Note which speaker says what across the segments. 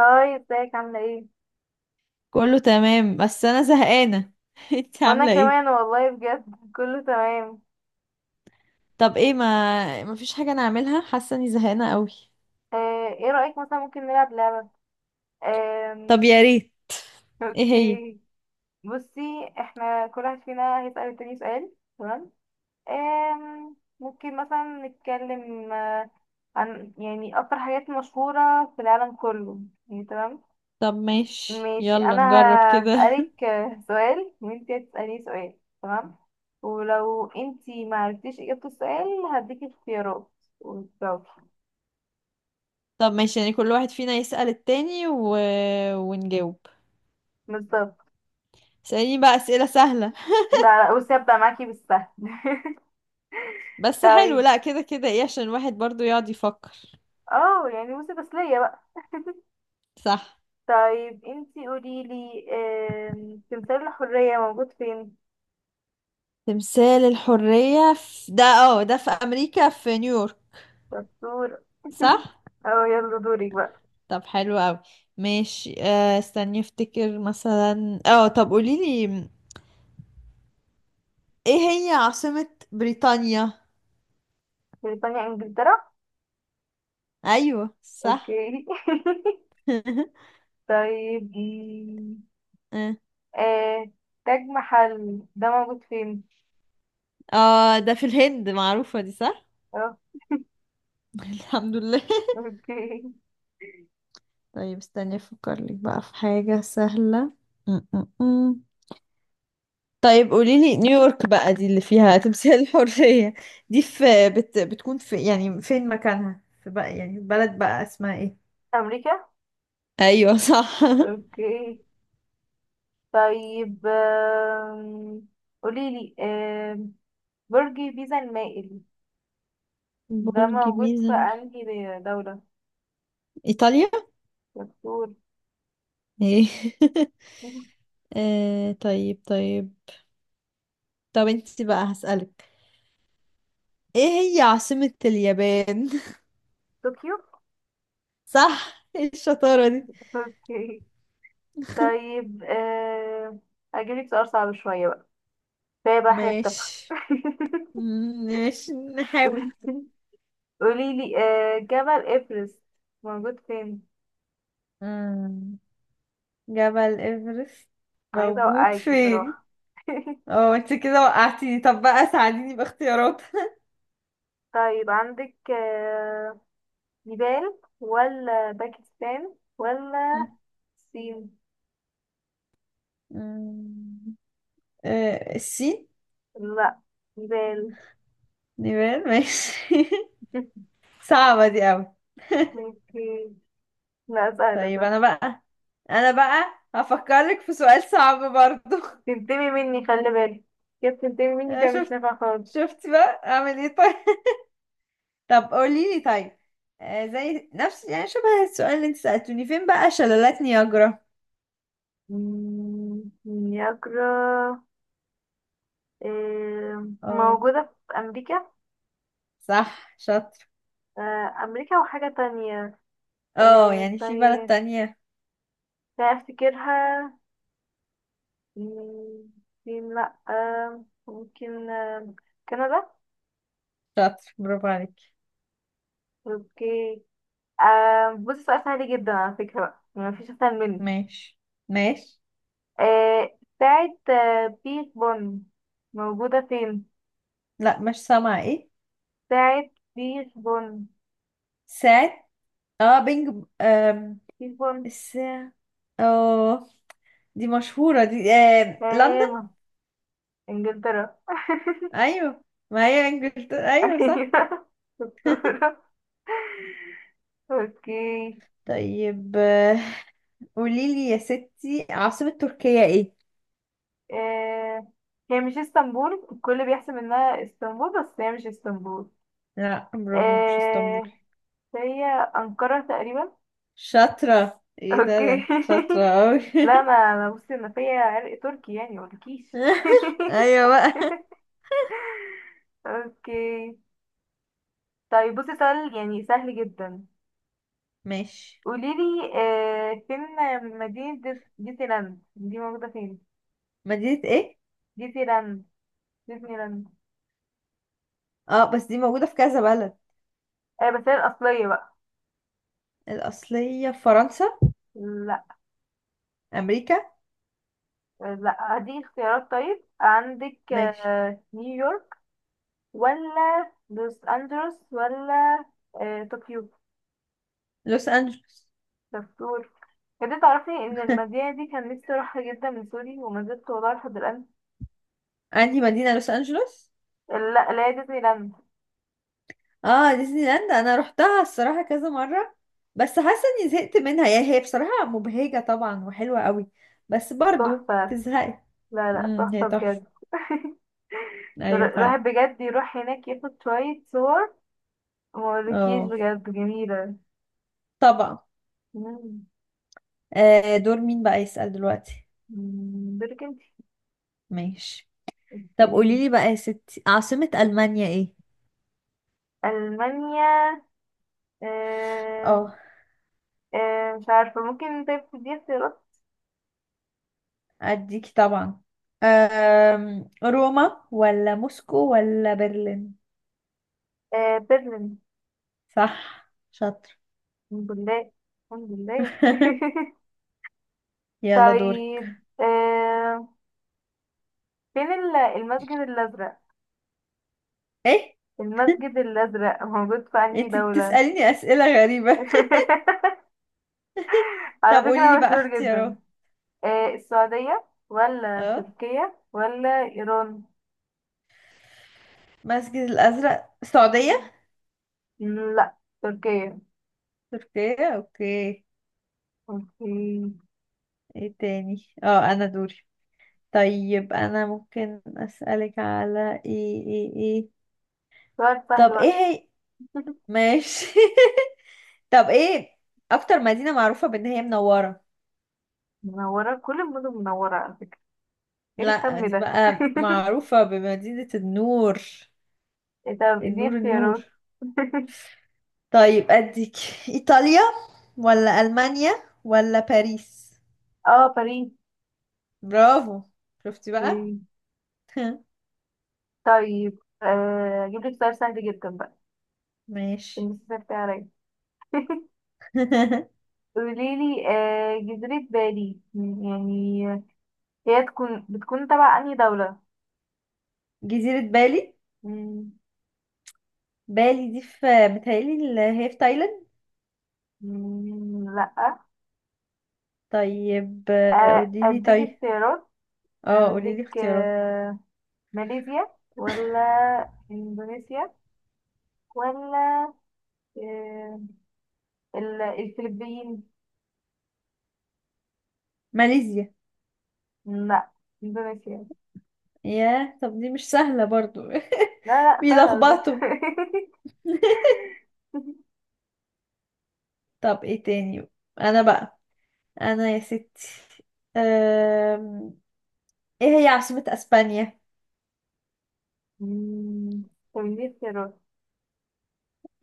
Speaker 1: هاي ازيك عاملة ايه؟
Speaker 2: كله تمام بس انا زهقانه. انت
Speaker 1: وانا
Speaker 2: عامله ايه؟
Speaker 1: كمان والله بجد كله تمام.
Speaker 2: طب ايه، ما فيش حاجه نعملها؟ حاسه اني زهقانه قوي.
Speaker 1: ايه رأيك مثلا ممكن نلعب لعبة؟
Speaker 2: طب
Speaker 1: آم،
Speaker 2: يا ريت. ايه هي؟
Speaker 1: اوكي بصي، احنا كل واحد فينا هيسأل التاني سؤال، تمام؟ ممكن مثلا نتكلم عن يعني اكتر حاجات مشهورة في العالم كله، يعني تمام؟
Speaker 2: طب ماشي،
Speaker 1: ماشي،
Speaker 2: يلا
Speaker 1: انا
Speaker 2: نجرب كده.
Speaker 1: هسألك سؤال وانتي هتسأليني سؤال، تمام. ولو انتي ما عرفتيش اجابة السؤال هديكي اختيارات وتجاوبي.
Speaker 2: طب ماشي، يعني كل واحد فينا يسأل التاني ونجاوب.
Speaker 1: بالظبط.
Speaker 2: اسأليني بقى اسئله سهله.
Speaker 1: لا لا، بصي هبدأ معاكي بالسهل.
Speaker 2: بس حلو،
Speaker 1: طيب.
Speaker 2: لا، كده كده ايه، عشان الواحد برضو يقعد يفكر.
Speaker 1: اه يعني بصي تسلية بقى.
Speaker 2: صح.
Speaker 1: طيب، انتي قوليلي، تمثال الحرية موجود فين؟
Speaker 2: تمثال الحريه ده في امريكا، في نيويورك.
Speaker 1: دكتور.
Speaker 2: صح.
Speaker 1: اه يلا دورك بقى.
Speaker 2: طب حلو قوي. ماشي، استني افتكر مثلا. اه طب قوليلي، ايه هي عاصمة بريطانيا؟
Speaker 1: بريطانيا انجلترا.
Speaker 2: ايوه، صح.
Speaker 1: اوكي. طيب،
Speaker 2: اه،
Speaker 1: آه، تاج محل ده موجود فين؟
Speaker 2: ده في الهند، معروفة دي، صح.
Speaker 1: اه
Speaker 2: الحمد لله.
Speaker 1: اوكي.
Speaker 2: طيب استني افكر لك بقى في حاجة سهلة. م- م- م. طيب قوليلي، نيويورك بقى دي اللي فيها تمثال الحرية، دي في بتكون في، يعني فين مكانها، في بقى يعني بلد بقى اسمها ايه؟
Speaker 1: أمريكا؟
Speaker 2: ايوه، صح.
Speaker 1: اوكي. طيب، قوليلي، برج بيزا المائل ده
Speaker 2: برج
Speaker 1: موجود في
Speaker 2: بيزا،
Speaker 1: أنهي دولة؟
Speaker 2: ايطاليا.
Speaker 1: دكتور.
Speaker 2: ايه؟ طيب طيب. طب انت بقى هسألك، ايه هي عاصمة اليابان؟
Speaker 1: طوكيو؟
Speaker 2: صح، ايه الشطارة دي!
Speaker 1: اوكي. طيب، هجيبلك سؤال صعب شوية بقى، فيها بقى حاجة تافهة.
Speaker 2: ماشي، ماشي نحاول.
Speaker 1: قوليلي، جبل إيفرست موجود فين؟
Speaker 2: مم. جبل ايفرست
Speaker 1: عايزة
Speaker 2: موجود
Speaker 1: أوقعك
Speaker 2: فين؟
Speaker 1: بصراحة.
Speaker 2: اه انت كده وقعتيني، طب بقى ساعديني باختيارات.
Speaker 1: طيب، عندك نيبال ولا باكستان ولا الصين.
Speaker 2: مم. الصين.
Speaker 1: لا، نيبال.
Speaker 2: نيبال، ماشي. صعبة دي أوي.
Speaker 1: اوكي. لا، سهلة
Speaker 2: طيب
Speaker 1: سهلة.
Speaker 2: انا بقى هفكرك في سؤال صعب برضو.
Speaker 1: تنتمي مني خلي بالك، كيف تنتمي مني
Speaker 2: آه،
Speaker 1: كده مش
Speaker 2: شفت
Speaker 1: نافع خالص.
Speaker 2: شفت بقى اعمل ايه؟ طيب. طب قولي لي، طيب زي نفس يعني شبه السؤال اللي انت سألتوني. فين بقى شلالات نياجرا؟
Speaker 1: إني أقرأ،
Speaker 2: اه
Speaker 1: موجودة في أمريكا.
Speaker 2: صح، شاطر.
Speaker 1: أمريكا وحاجة تانية.
Speaker 2: اه يعني في بلد
Speaker 1: استني،
Speaker 2: تانية.
Speaker 1: لا أفتكرها. مم، الصين لأ، ممكن، كندا.
Speaker 2: شاطر، برافو عليك.
Speaker 1: اوكي. بصي سؤال سهل جدا على فكرة بقى، ما فيش اسهل منه.
Speaker 2: ماشي، ماشي.
Speaker 1: بتاعة بيش بن موجودة فين؟
Speaker 2: لا مش سامعة، ايه؟
Speaker 1: بتاعة بيش بن،
Speaker 2: ساعة. اه بينج،
Speaker 1: بيش بن.
Speaker 2: الساعة. اه دي مشهورة دي، آه.
Speaker 1: تمام، انجلترا.
Speaker 2: ايوه، ما هي انجلترا، ايوه
Speaker 1: ايوه
Speaker 2: صح.
Speaker 1: شطورة. اوكي.
Speaker 2: طيب، قوليلي يا ستي، عاصمة تركيا ايه؟
Speaker 1: آه هي مش اسطنبول، الكل بيحسب انها اسطنبول بس هي مش اسطنبول.
Speaker 2: لا، برافو، مش اسطنبول.
Speaker 1: آه هي أنقرة تقريبا.
Speaker 2: شاطرة، ايه ده
Speaker 1: اوكي.
Speaker 2: انت شاطرة اوي.
Speaker 1: لا انا انا بصي، انا فيا عرق تركي يعني مقولكيش.
Speaker 2: ايوه بقى.
Speaker 1: اوكي. طيب بصي سؤال يعني سهل جدا.
Speaker 2: ماشي.
Speaker 1: قوليلي، فين مدينة ديزني لاند دي موجودة فين؟
Speaker 2: مدينة ايه؟
Speaker 1: ديزني لاند. ديزني لاند.
Speaker 2: اه بس دي موجودة في كذا بلد.
Speaker 1: بس هي الأصلية بقى.
Speaker 2: الأصلية في فرنسا.
Speaker 1: لا.
Speaker 2: أمريكا.
Speaker 1: لا، هديك اختيارات. طيب عندك
Speaker 2: ماشي.
Speaker 1: نيويورك ولا لوس أنجلوس ولا طوكيو.
Speaker 2: لوس أنجلوس.
Speaker 1: شطورة. بجد تعرفي ان المدينة دي كان نفسي اروحها جدا من سوري، وما زلت والله لحد الان.
Speaker 2: عندي مدينة لوس أنجلوس.
Speaker 1: لا لا، هي ديزني لاند.
Speaker 2: اه ديزني لاند انا روحتها الصراحه كذا مره، بس حاسه اني زهقت منها يعني، هي بصراحه مبهجه طبعا وحلوه قوي بس برضو
Speaker 1: تحفة.
Speaker 2: تزهقي.
Speaker 1: لا لا،
Speaker 2: هي
Speaker 1: تحفة
Speaker 2: تحفه.
Speaker 1: بجد.
Speaker 2: ايوه فعلا.
Speaker 1: الواحد بجد يروح هناك ياخد شوية صور. موريكيش
Speaker 2: اه
Speaker 1: بجد جميلة.
Speaker 2: طبعا.
Speaker 1: مم.
Speaker 2: دور مين بقى يسأل دلوقتي؟
Speaker 1: بالك انت.
Speaker 2: ماشي. طب قولي
Speaker 1: إيه.
Speaker 2: لي بقى يا ستي، عاصمه المانيا ايه؟
Speaker 1: ألمانيا. آه،
Speaker 2: اه
Speaker 1: مش عارفة، ممكن طيب تديني اختيارات.
Speaker 2: اديكي طبعا. روما ولا موسكو ولا برلين؟
Speaker 1: برلين.
Speaker 2: صح، شاطر.
Speaker 1: الحمد لله الحمد لله.
Speaker 2: يلا دورك.
Speaker 1: طيب، فين المسجد الأزرق.
Speaker 2: ايه
Speaker 1: المسجد الأزرق موجود في أنهي
Speaker 2: انت
Speaker 1: دولة؟
Speaker 2: بتسأليني أسئلة غريبة!
Speaker 1: على
Speaker 2: طب قولي لي
Speaker 1: فكرة
Speaker 2: بقى
Speaker 1: مشهور جدا.
Speaker 2: اختيارات.
Speaker 1: السعودية ولا
Speaker 2: اه
Speaker 1: تركيا ولا إيران؟
Speaker 2: المسجد الازرق، السعوديه.
Speaker 1: لا، تركيا.
Speaker 2: تركيا، اوكي.
Speaker 1: اوكي.
Speaker 2: ايه تاني، اه انا دوري. طيب انا ممكن اسالك على ايه
Speaker 1: سؤال سهل
Speaker 2: طب ايه
Speaker 1: بقى.
Speaker 2: هي؟ ماشي. طب ايه اكتر مدينه معروفه بان هي منوره؟
Speaker 1: منورة، كل المدن منورة على فكرة، ايه
Speaker 2: لا
Speaker 1: الكم
Speaker 2: دي
Speaker 1: ده؟
Speaker 2: بقى معروفه بمدينه النور.
Speaker 1: طب اديني
Speaker 2: النور، النور.
Speaker 1: اختيارات.
Speaker 2: طيب اديك، ايطاليا ولا المانيا ولا باريس؟
Speaker 1: اه باريس.
Speaker 2: برافو، شفتي بقى.
Speaker 1: اوكي. طيب اجيب لك سؤال سهل جدا بقى،
Speaker 2: ماشي.
Speaker 1: عشان بس سهلت عليا. قوليلي جزيرة بالي، يعني هي بتكون تبع أنهي دولة؟
Speaker 2: جزيرة بالي.
Speaker 1: مم.
Speaker 2: بالي دي في، بتهيألي اللي هي في تايلاند.
Speaker 1: مم. لأ.
Speaker 2: طيب قولي لي
Speaker 1: أديك
Speaker 2: طيب،
Speaker 1: اختيارات.
Speaker 2: اه قولي
Speaker 1: عندك
Speaker 2: لي اختيارات.
Speaker 1: ماليزيا، ولا إندونيسيا، ولا آه، الفلبين.
Speaker 2: ماليزيا.
Speaker 1: لأ، إندونيسيا.
Speaker 2: ياه، طب دي مش سهلة برضو.
Speaker 1: لا لا، سهلة على
Speaker 2: بيلخبطوا.
Speaker 1: فكرة.
Speaker 2: طب ايه تاني. انا بقى انا يا ستي، أم... ايه هي عاصمة اسبانيا؟
Speaker 1: مم. طب دي اختيارات.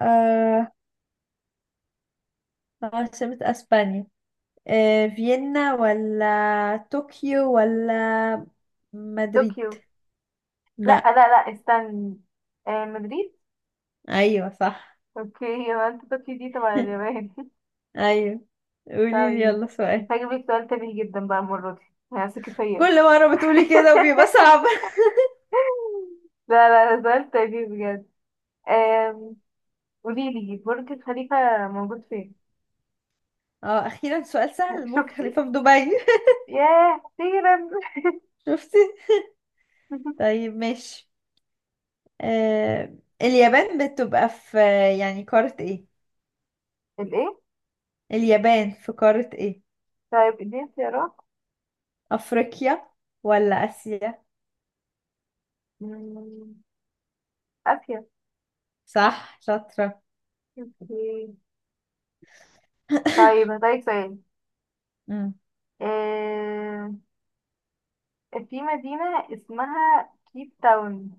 Speaker 2: أه... عاصمة اسبانيا. فيينا ولا طوكيو ولا مدريد؟
Speaker 1: طوكيو. لأ
Speaker 2: لا.
Speaker 1: لأ لأ، استني. مدريد.
Speaker 2: ايوه، صح.
Speaker 1: اوكي. يبقى انت طوكيو دي تبع اليابان.
Speaker 2: ايوه قولي لي
Speaker 1: طيب،
Speaker 2: يلا سؤال.
Speaker 1: انت هجيب لك سؤال تافه جدا بقى، المرة دي هثقي فيا.
Speaker 2: كل مرة بتقولي كده وبيبقى صعب.
Speaker 1: لا لا، ده سؤال تافه بجد. آم، قولي لي، برج الخليفة موجود فين؟
Speaker 2: اه اخيرا سؤال سهل، برج
Speaker 1: شفتي؟
Speaker 2: خليفة في دبي.
Speaker 1: ياه أخيرا.
Speaker 2: شفتي. طيب ماشي. آه اليابان بتبقى في يعني قارة ايه؟
Speaker 1: الإيه؟
Speaker 2: اليابان في قارة ايه؟
Speaker 1: طيب اديني اختيارات.
Speaker 2: افريقيا ولا اسيا؟
Speaker 1: مم، آسيا.
Speaker 2: صح، شاطرة.
Speaker 1: اوكي. طيب هسألك سؤال.
Speaker 2: مم.
Speaker 1: آم، في مدينة اسمها كيب تاون،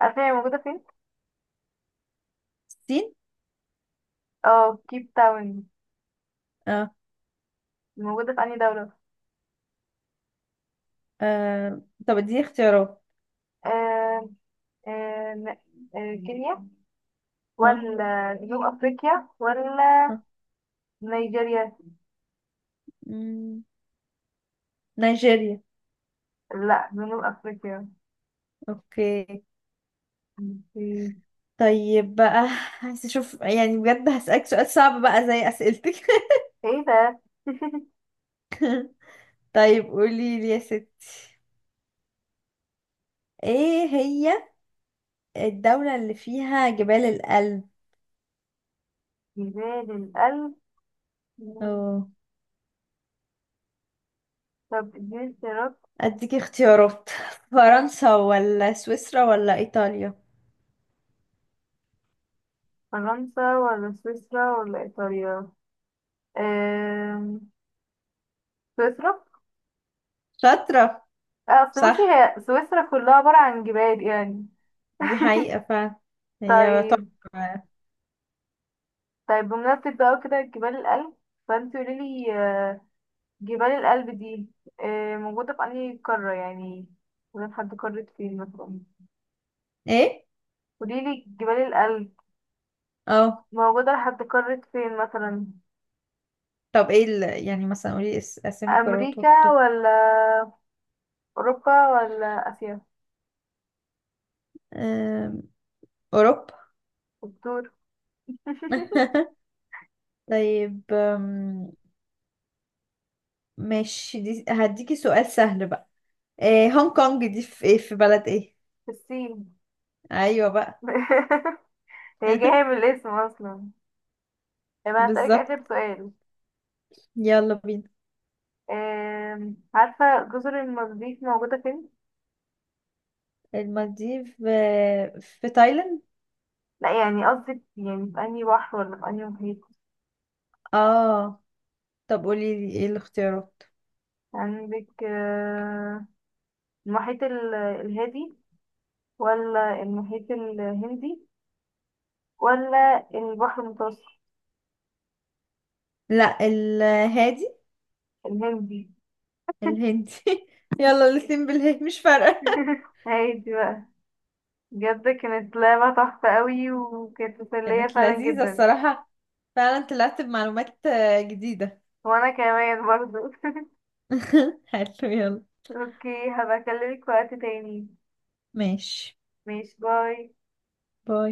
Speaker 1: عارفة هي موجودة فين؟
Speaker 2: الصين.
Speaker 1: اه كيب تاون
Speaker 2: اه
Speaker 1: موجودة في أنهي دولة؟
Speaker 2: طب اديني اختيارات.
Speaker 1: آم، آه، كينيا،
Speaker 2: اه،
Speaker 1: ولا جنوب أفريقيا، ولا
Speaker 2: اه.
Speaker 1: نيجيريا.
Speaker 2: مم. نيجيريا،
Speaker 1: لا، جنوب أفريقيا.
Speaker 2: اوكي.
Speaker 1: أوكي.
Speaker 2: طيب بقى، عايز اشوف يعني بجد، هسألك سؤال صعب بقى زي اسئلتك.
Speaker 1: ايه ده.
Speaker 2: طيب قولي لي يا ستي، ايه هي الدولة اللي فيها جبال الألب؟
Speaker 1: جبال الألب.
Speaker 2: اه
Speaker 1: طب اديني اختيارات.
Speaker 2: اديك اختيارات. فرنسا ولا سويسرا ولا ايطاليا؟
Speaker 1: فرنسا ولا سويسرا ولا إيطاليا. آم، سويسرا.
Speaker 2: شاطرة.
Speaker 1: أصل بصي
Speaker 2: صح،
Speaker 1: هي سويسرا كلها عبارة عن جبال يعني.
Speaker 2: دي حقيقة فعلا. هي
Speaker 1: طيب.
Speaker 2: تحفة.
Speaker 1: طيب بمناسبة بقى كده جبال الألب، فانت قوليلي جبال الألب دي موجودة في أنهي قارة يعني، موجودة لحد قارة فين مثلا؟
Speaker 2: ايه
Speaker 1: قوليلي جبال الألب
Speaker 2: اه،
Speaker 1: موجودة لحد قارة فين مثلا؟
Speaker 2: طب ايه يعني مثلا قولي اسامي قارات
Speaker 1: أمريكا
Speaker 2: واكتر.
Speaker 1: ولا أوروبا ولا آسيا.
Speaker 2: أم، اوروبا.
Speaker 1: دكتور.
Speaker 2: طيب ماشي، دي هديكي سؤال سهل بقى. إيه هونج كونج دي في، إيه، في بلد ايه؟
Speaker 1: في الصين.
Speaker 2: ايوه بقى.
Speaker 1: هي جاية من الاسم أصلا. طب أنا هسألك
Speaker 2: بالظبط،
Speaker 1: آخر سؤال.
Speaker 2: يلا بينا.
Speaker 1: عارفة جزر المالديف موجودة فين؟
Speaker 2: المالديف في تايلاند.
Speaker 1: لا، يعني قصدي يعني في أنهي بحر ولا في أنهي محيط؟
Speaker 2: اه طب قولي لي ايه الاختيارات.
Speaker 1: عندك المحيط الهادي، ولا المحيط الهندي، ولا البحر المتوسط.
Speaker 2: لا الهادي.
Speaker 1: الهندي.
Speaker 2: الهندي. يلا الاتنين بالهي مش فارقة.
Speaker 1: هايدي بقى. بجد كانت لعبة تحفة قوي، وكانت مسلية
Speaker 2: كانت
Speaker 1: فعلا
Speaker 2: لذيذة
Speaker 1: جدا.
Speaker 2: الصراحة. فعلا طلعت بمعلومات جديدة.
Speaker 1: وانا كمان برضو.
Speaker 2: حلو، يلا.
Speaker 1: اوكي، هبقى اكلمك في وقت تاني.
Speaker 2: ماشي.
Speaker 1: ماشي. باي.
Speaker 2: باي.